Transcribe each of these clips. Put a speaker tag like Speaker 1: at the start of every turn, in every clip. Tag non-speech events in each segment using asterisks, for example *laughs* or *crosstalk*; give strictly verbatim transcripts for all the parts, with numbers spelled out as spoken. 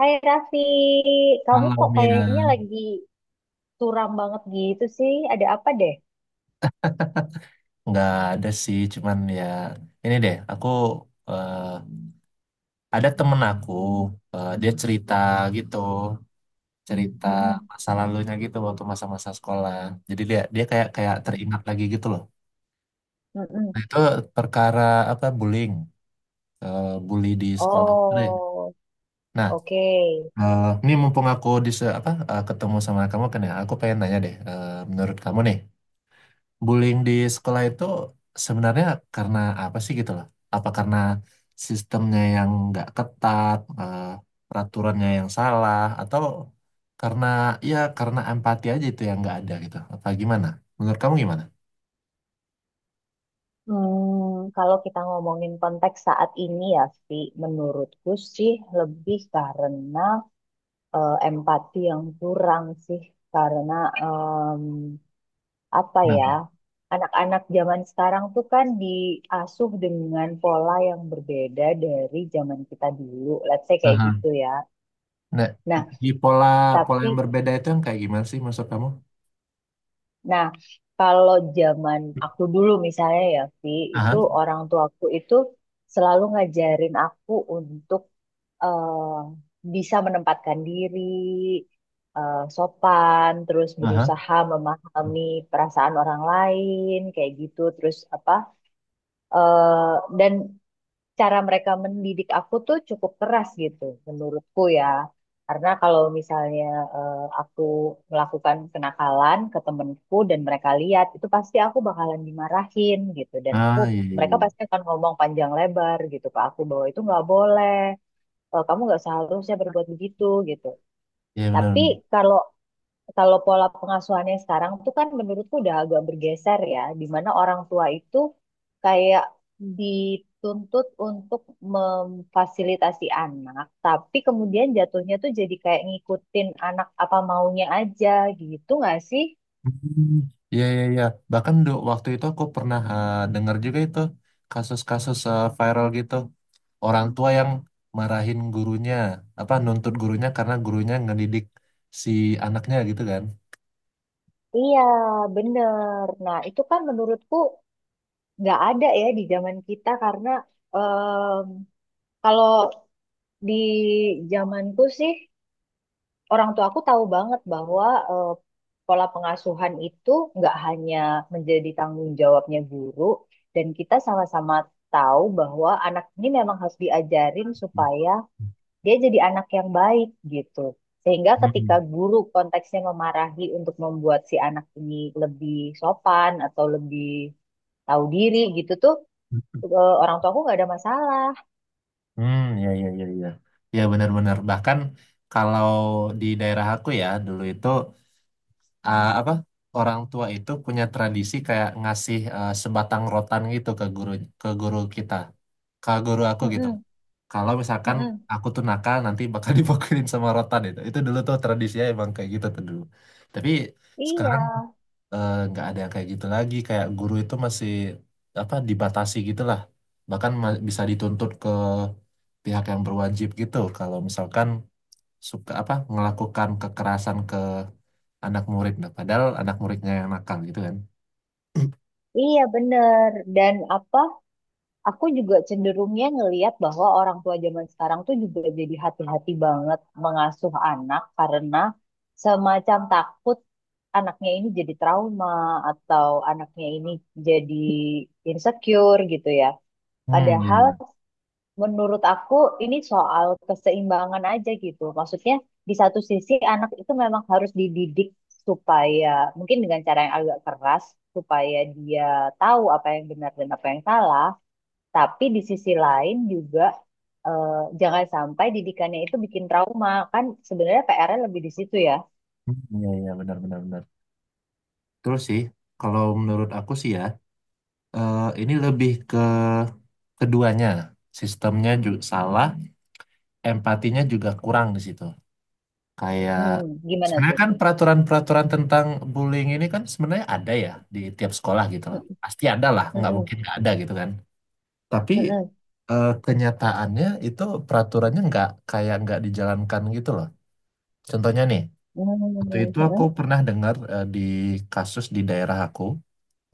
Speaker 1: Hai Raffi, kamu
Speaker 2: Halo
Speaker 1: kok
Speaker 2: Mia,
Speaker 1: kayaknya lagi suram banget gitu sih? Ada apa deh?
Speaker 2: nggak ada sih, cuman ya ini deh, aku eh, ada temen aku, eh, dia cerita gitu, cerita
Speaker 1: Mm-mm,
Speaker 2: masa lalunya gitu waktu masa-masa sekolah. Jadi dia dia kayak kayak
Speaker 1: mm-mm,
Speaker 2: teringat lagi gitu loh. Nah,
Speaker 1: mm-mm.
Speaker 2: itu perkara apa bullying, eh, bully di sekolah gitu deh.
Speaker 1: Oh,
Speaker 2: Nah,
Speaker 1: oke.
Speaker 2: eh, ini mumpung aku di se- apa eh, ketemu sama kamu kan ya, aku pengen nanya deh, eh, menurut kamu nih. Bullying di sekolah itu sebenarnya karena apa sih gitu loh? Apa karena sistemnya yang nggak ketat, eh, peraturannya yang salah, atau karena ya karena empati aja itu yang nggak ada gitu? Apa gimana? Menurut kamu gimana?
Speaker 1: Hmm, kalau kita ngomongin konteks saat ini ya, Fi, menurutku sih lebih karena eh, empati yang kurang sih, karena apa ya,
Speaker 2: Kenapa?
Speaker 1: anak-anak zaman sekarang tuh kan diasuh dengan pola yang berbeda dari zaman kita dulu. Let's say kayak
Speaker 2: Aha.
Speaker 1: gitu ya.
Speaker 2: Nah,
Speaker 1: Nah,
Speaker 2: di pola pola
Speaker 1: tapi
Speaker 2: yang berbeda itu yang kayak gimana sih maksud kamu?
Speaker 1: nah kalau zaman aku dulu misalnya ya, Vi, itu
Speaker 2: Aha,
Speaker 1: orang tuaku itu selalu ngajarin aku untuk eh, bisa menempatkan diri, eh, sopan, terus
Speaker 2: aha.
Speaker 1: berusaha memahami perasaan orang lain, kayak gitu, terus apa? eh dan cara mereka mendidik aku tuh cukup keras gitu menurutku ya. Karena kalau misalnya eh, aku melakukan kenakalan ke temenku dan mereka lihat, itu pasti aku bakalan dimarahin gitu. Dan aku
Speaker 2: Ah, iya, iya,
Speaker 1: mereka
Speaker 2: iya.
Speaker 1: pasti akan ngomong panjang lebar gitu ke aku bahwa itu nggak boleh, eh, kamu nggak seharusnya berbuat begitu gitu.
Speaker 2: Iya, benar.
Speaker 1: Tapi kalau kalau pola pengasuhannya sekarang tuh kan menurutku udah agak bergeser ya, di mana orang tua itu kayak dituntut untuk memfasilitasi anak, tapi kemudian jatuhnya tuh jadi kayak ngikutin anak apa maunya aja gitu nggak sih?
Speaker 2: Hmm, ya, ya, ya. Bahkan do, waktu itu aku pernah eh, dengar juga itu kasus-kasus eh, viral gitu. Orang tua yang marahin gurunya, apa nuntut gurunya karena gurunya ngedidik si anaknya gitu kan.
Speaker 1: Iya, bener. Nah, itu kan menurutku nggak ada ya di zaman kita karena em, kalau di zamanku sih orang tua aku tahu banget bahwa eh, pola pengasuhan itu nggak hanya menjadi tanggung jawabnya guru, dan kita sama-sama tahu bahwa anak ini memang harus diajarin supaya dia jadi anak yang baik gitu. Sehingga ketika
Speaker 2: Hmm.
Speaker 1: guru konteksnya memarahi untuk membuat si anak ini lebih sopan atau lebih tahu diri gitu tuh, eh, orang tuaku nggak ada masalah.
Speaker 2: Hmm, ya, ya, ya, ya. Ya, benar-benar. Bahkan kalau di daerah aku ya dulu itu eh, apa orang tua itu punya tradisi kayak ngasih eh, sebatang rotan gitu ke guru ke guru kita, ke guru aku gitu.
Speaker 1: Mm-mm,
Speaker 2: Kalau misalkan
Speaker 1: mm-mm.
Speaker 2: aku tuh nakal nanti bakal *laughs* dipukulin sama rotan itu itu dulu tuh tradisinya emang kayak gitu tuh dulu, tapi
Speaker 1: Iya,
Speaker 2: sekarang eh, nggak ada yang kayak gitu lagi, kayak guru itu masih apa dibatasi gitu lah, bahkan ma- bisa dituntut ke pihak yang berwajib gitu kalau misalkan suka apa melakukan kekerasan ke anak murid. Nah, padahal anak muridnya yang nakal gitu kan. *clears throat*
Speaker 1: iya bener. Dan apa? Aku juga cenderungnya ngelihat bahwa orang tua zaman sekarang tuh juga jadi hati-hati banget mengasuh anak karena semacam takut anaknya ini jadi trauma atau anaknya ini jadi insecure gitu ya.
Speaker 2: Hmm, iya,
Speaker 1: Padahal
Speaker 2: iya.
Speaker 1: menurut aku ini soal keseimbangan aja gitu. Maksudnya di satu sisi anak itu memang harus dididik supaya mungkin dengan cara yang agak keras supaya dia tahu apa yang benar dan apa yang salah. Tapi di sisi lain juga eh, jangan sampai didikannya itu bikin trauma. Kan sebenarnya P R-nya lebih di situ ya.
Speaker 2: Hmm, iya, iya, benar, benar, benar. Terus sih kalau menurut aku sih ya, eh, ini lebih ke keduanya, sistemnya juga salah, empatinya juga kurang di situ. Kayak
Speaker 1: mm Gimana
Speaker 2: sebenarnya
Speaker 1: tuh?
Speaker 2: kan peraturan-peraturan tentang bullying ini kan sebenarnya ada ya di tiap sekolah gitu loh.
Speaker 1: Mm-mm.
Speaker 2: Pasti ada lah, nggak mungkin
Speaker 1: Mm-mm.
Speaker 2: nggak ada gitu kan. Tapi eh, kenyataannya itu peraturannya nggak kayak nggak dijalankan gitu loh. Contohnya nih,
Speaker 1: Mm-mm.
Speaker 2: waktu itu aku
Speaker 1: Mm-mm.
Speaker 2: pernah dengar eh, di kasus di daerah aku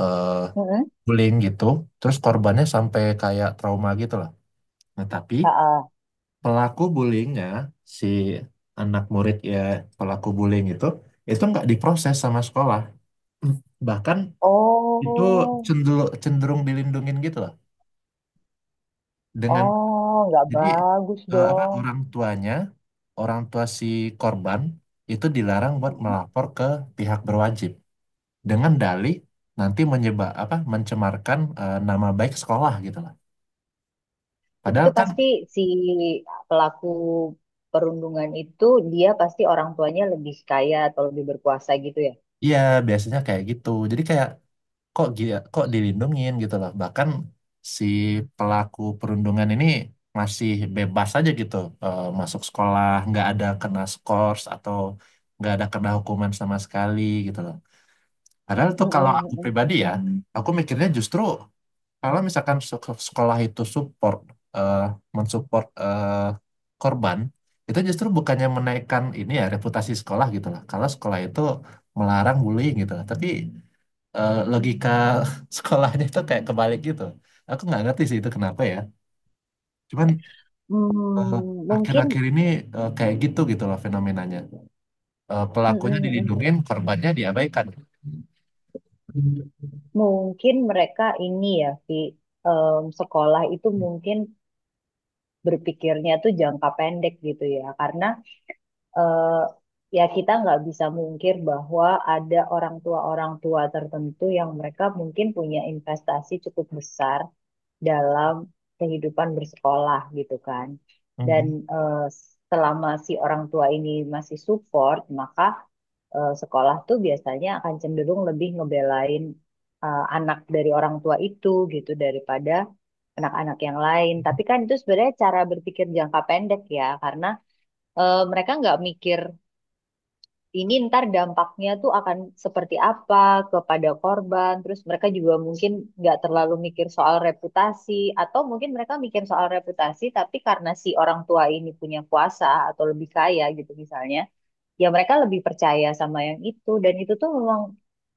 Speaker 2: eh bullying gitu, terus korbannya sampai kayak trauma gitu loh. Nah, tapi pelaku bullyingnya si anak murid ya, pelaku bullying itu itu nggak diproses sama sekolah. Hmm. Bahkan itu
Speaker 1: Oh,
Speaker 2: cenderung cenderung dilindungin gitu loh dengan
Speaker 1: oh, nggak
Speaker 2: jadi
Speaker 1: bagus
Speaker 2: eh, apa
Speaker 1: dong.
Speaker 2: orang tuanya orang tua si korban itu dilarang buat
Speaker 1: mm
Speaker 2: melapor ke pihak berwajib dengan dalih nanti menyebab apa mencemarkan eh, nama baik sekolah gitu loh, padahal
Speaker 1: Itu
Speaker 2: kan
Speaker 1: pasti si pelaku perundungan itu dia pasti orang tuanya lebih kaya atau lebih berkuasa gitu ya.
Speaker 2: ya biasanya kayak gitu, jadi kayak kok dia kok dilindungin gitu loh. Bahkan si pelaku perundungan ini masih bebas aja gitu, eh, masuk sekolah nggak ada kena skors atau nggak ada kena hukuman sama sekali gitu loh. Padahal tuh
Speaker 1: Mm-mm.
Speaker 2: kalau aku
Speaker 1: Mm-mm.
Speaker 2: pribadi
Speaker 1: Hmm,
Speaker 2: ya, hmm, aku mikirnya justru kalau misalkan sek- sekolah itu support eh, mensupport eh, korban, itu justru bukannya menaikkan ini ya reputasi sekolah gitu loh kalau sekolah itu melarang bullying gitu loh. Tapi eh, logika *laughs* sekolahnya tuh kayak kebalik gitu. Aku nggak ngerti sih itu kenapa ya. Cuman
Speaker 1: hmm, hmm.
Speaker 2: eh,
Speaker 1: Hmm,
Speaker 2: akhir-akhir
Speaker 1: mungkin.
Speaker 2: ini eh, kayak gitu gitu loh fenomenanya. Eh, pelakunya
Speaker 1: Mm-mm.
Speaker 2: dilindungin, korbannya diabaikan.
Speaker 1: Mungkin mereka ini ya, Vi, em, sekolah itu mungkin berpikirnya tuh jangka pendek gitu ya, karena eh, ya kita nggak bisa mungkir bahwa ada orang tua-orang tua tertentu yang mereka mungkin punya investasi cukup besar dalam kehidupan bersekolah gitu kan. Dan
Speaker 2: Hmm.
Speaker 1: eh, selama si orang tua ini masih support, maka eh, sekolah tuh biasanya akan cenderung lebih ngebelain eh, anak dari orang tua itu gitu daripada anak-anak yang lain. Tapi kan itu sebenarnya cara berpikir jangka pendek ya, karena eh, mereka nggak mikir ini ntar dampaknya tuh akan seperti apa kepada korban. Terus mereka juga mungkin nggak terlalu mikir soal reputasi, atau mungkin mereka mikir soal reputasi, tapi karena si orang tua ini punya kuasa atau lebih kaya gitu misalnya ya mereka lebih percaya sama yang itu dan itu tuh memang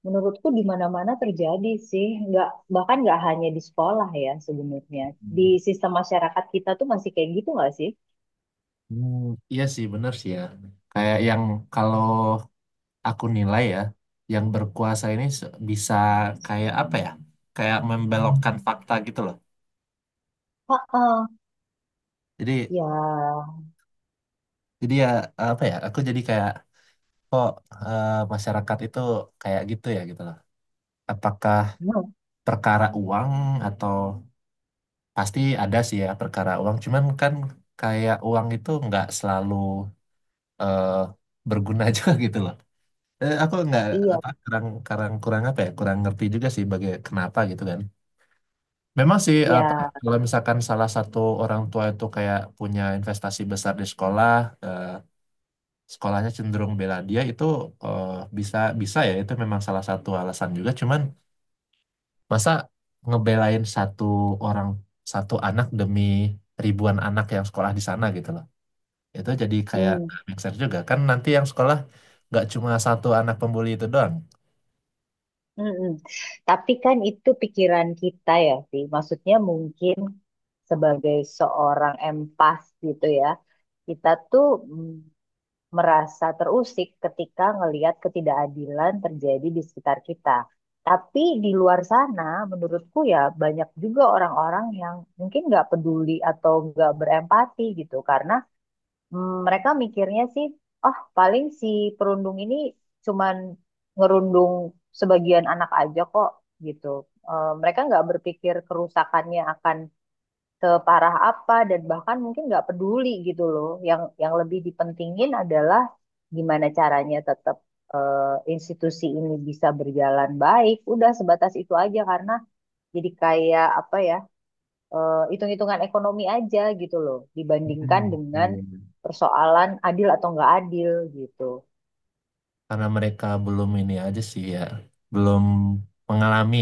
Speaker 1: menurutku di mana-mana terjadi sih nggak bahkan nggak hanya di sekolah ya sebenarnya di sistem masyarakat kita tuh masih kayak gitu nggak sih.
Speaker 2: Hmm, iya sih, bener sih ya. Kayak yang kalau aku nilai ya, yang berkuasa ini se- bisa kayak apa ya? Kayak membelokkan fakta gitu loh.
Speaker 1: Heeh.
Speaker 2: Jadi
Speaker 1: Ya
Speaker 2: jadi ya apa ya? Aku jadi kayak kok eh, masyarakat itu kayak gitu ya gitu loh. Apakah
Speaker 1: hmm,
Speaker 2: perkara uang atau pasti ada sih ya perkara uang, cuman kan kayak uang itu nggak selalu eh, berguna *laughs* juga gitu loh. Eh, aku nggak
Speaker 1: iya
Speaker 2: apa kurang kurang kurang apa ya, kurang ngerti juga sih bagai kenapa gitu kan. Memang sih apa
Speaker 1: ya
Speaker 2: kalau misalkan salah satu orang tua itu kayak punya investasi besar di sekolah, eh, sekolahnya cenderung bela dia, itu eh, bisa bisa ya, itu memang salah satu alasan juga, cuman masa ngebelain satu orang, satu anak demi ribuan anak yang sekolah di sana gitu loh. Itu jadi kayak
Speaker 1: hmm,
Speaker 2: nggak make sense juga. Kan nanti yang sekolah nggak cuma satu anak pembuli itu doang.
Speaker 1: mm-mm. Tapi kan itu pikiran kita ya sih maksudnya mungkin sebagai seorang empas gitu ya kita tuh mm, merasa terusik ketika ngelihat ketidakadilan terjadi di sekitar kita. Tapi di luar sana, menurutku ya banyak juga orang-orang yang mungkin nggak peduli atau nggak berempati gitu, karena mm, mereka mikirnya sih, oh paling si perundung ini cuman ngerundung sebagian anak aja kok gitu. Eh, mereka nggak berpikir kerusakannya akan separah apa dan bahkan mungkin nggak peduli gitu loh. Yang yang lebih dipentingin adalah gimana caranya tetap eh, institusi ini bisa berjalan baik. Udah sebatas itu aja karena jadi kayak apa ya eh, hitung-hitungan ekonomi aja gitu loh dibandingkan
Speaker 2: Hmm, iya,
Speaker 1: dengan
Speaker 2: iya.
Speaker 1: persoalan adil atau nggak adil gitu.
Speaker 2: Karena mereka belum ini aja sih ya, belum mengalami.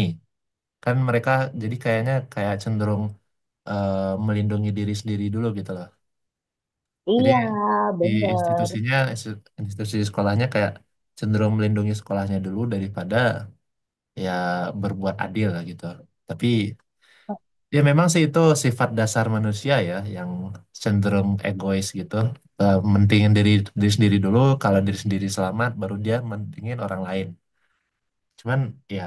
Speaker 2: Kan mereka jadi kayaknya kayak cenderung eh, melindungi diri sendiri dulu gitu loh. Jadi
Speaker 1: Iya,
Speaker 2: di
Speaker 1: bener.
Speaker 2: institusinya, institusi sekolahnya kayak cenderung melindungi sekolahnya dulu daripada ya berbuat adil gitu. Tapi ya memang sih itu sifat dasar manusia ya yang cenderung egois gitu. Eh, mentingin diri diri sendiri dulu, kalau diri sendiri selamat baru dia mentingin orang lain. Cuman ya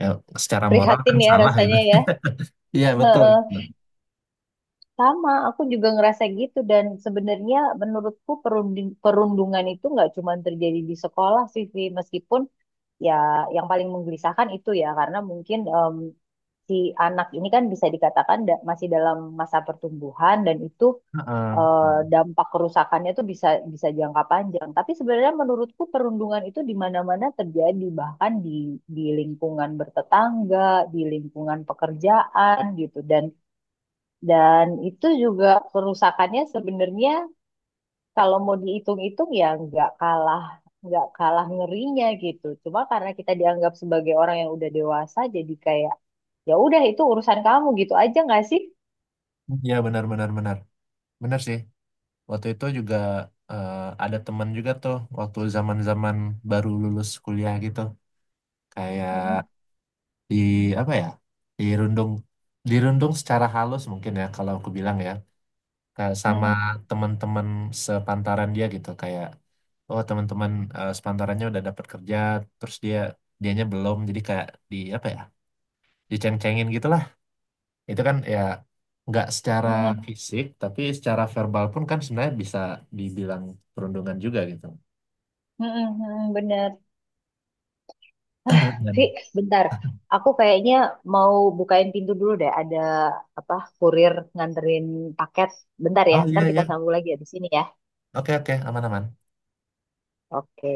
Speaker 2: ya secara moral kan
Speaker 1: Prihatin ya
Speaker 2: salah gitu.
Speaker 1: rasanya ya.
Speaker 2: *laughs* Iya, betul.
Speaker 1: *laughs* Sama, aku juga ngerasa gitu dan sebenarnya menurutku perundi- perundungan itu nggak cuma terjadi di sekolah sih, Vi. Meskipun ya yang paling menggelisahkan itu ya karena mungkin em, si anak ini kan bisa dikatakan da- masih dalam masa pertumbuhan dan itu
Speaker 2: Heeh,
Speaker 1: eh,
Speaker 2: betul.
Speaker 1: dampak kerusakannya tuh bisa bisa jangka panjang. Tapi sebenarnya menurutku perundungan itu di mana-mana terjadi, bahkan di di lingkungan bertetangga, di lingkungan pekerjaan gitu dan dan itu juga kerusakannya sebenarnya kalau mau dihitung-hitung ya nggak kalah nggak kalah ngerinya gitu. Cuma karena kita dianggap sebagai orang yang udah dewasa jadi kayak ya udah itu urusan kamu gitu aja nggak sih?
Speaker 2: Iya, benar, benar, benar. Benar sih. Waktu itu juga eh, ada teman juga tuh waktu zaman-zaman baru lulus kuliah gitu. Kayak
Speaker 1: Mm-mm,
Speaker 2: di apa ya, dirundung dirundung secara halus mungkin ya kalau aku bilang ya. Kayak sama
Speaker 1: mm-mm,
Speaker 2: teman-teman sepantaran dia gitu, kayak oh teman-teman eh, sepantarannya udah dapat kerja terus dia dianya belum, jadi kayak di apa ya, diceng-cengin gitulah. Itu kan ya nggak secara
Speaker 1: mm-mm,
Speaker 2: fisik tapi secara verbal pun kan sebenarnya bisa dibilang perundungan juga gitu.
Speaker 1: mm-mm, mm-mm, bener.
Speaker 2: *clears throat* Dan
Speaker 1: Vi, bentar. Aku kayaknya mau bukain pintu dulu deh. Ada apa kurir nganterin paket. Bentar ya.
Speaker 2: oh iya,
Speaker 1: Ntar
Speaker 2: iya,
Speaker 1: kita sambung lagi ya di sini ya.
Speaker 2: oke, oke, aman-aman.
Speaker 1: Oke.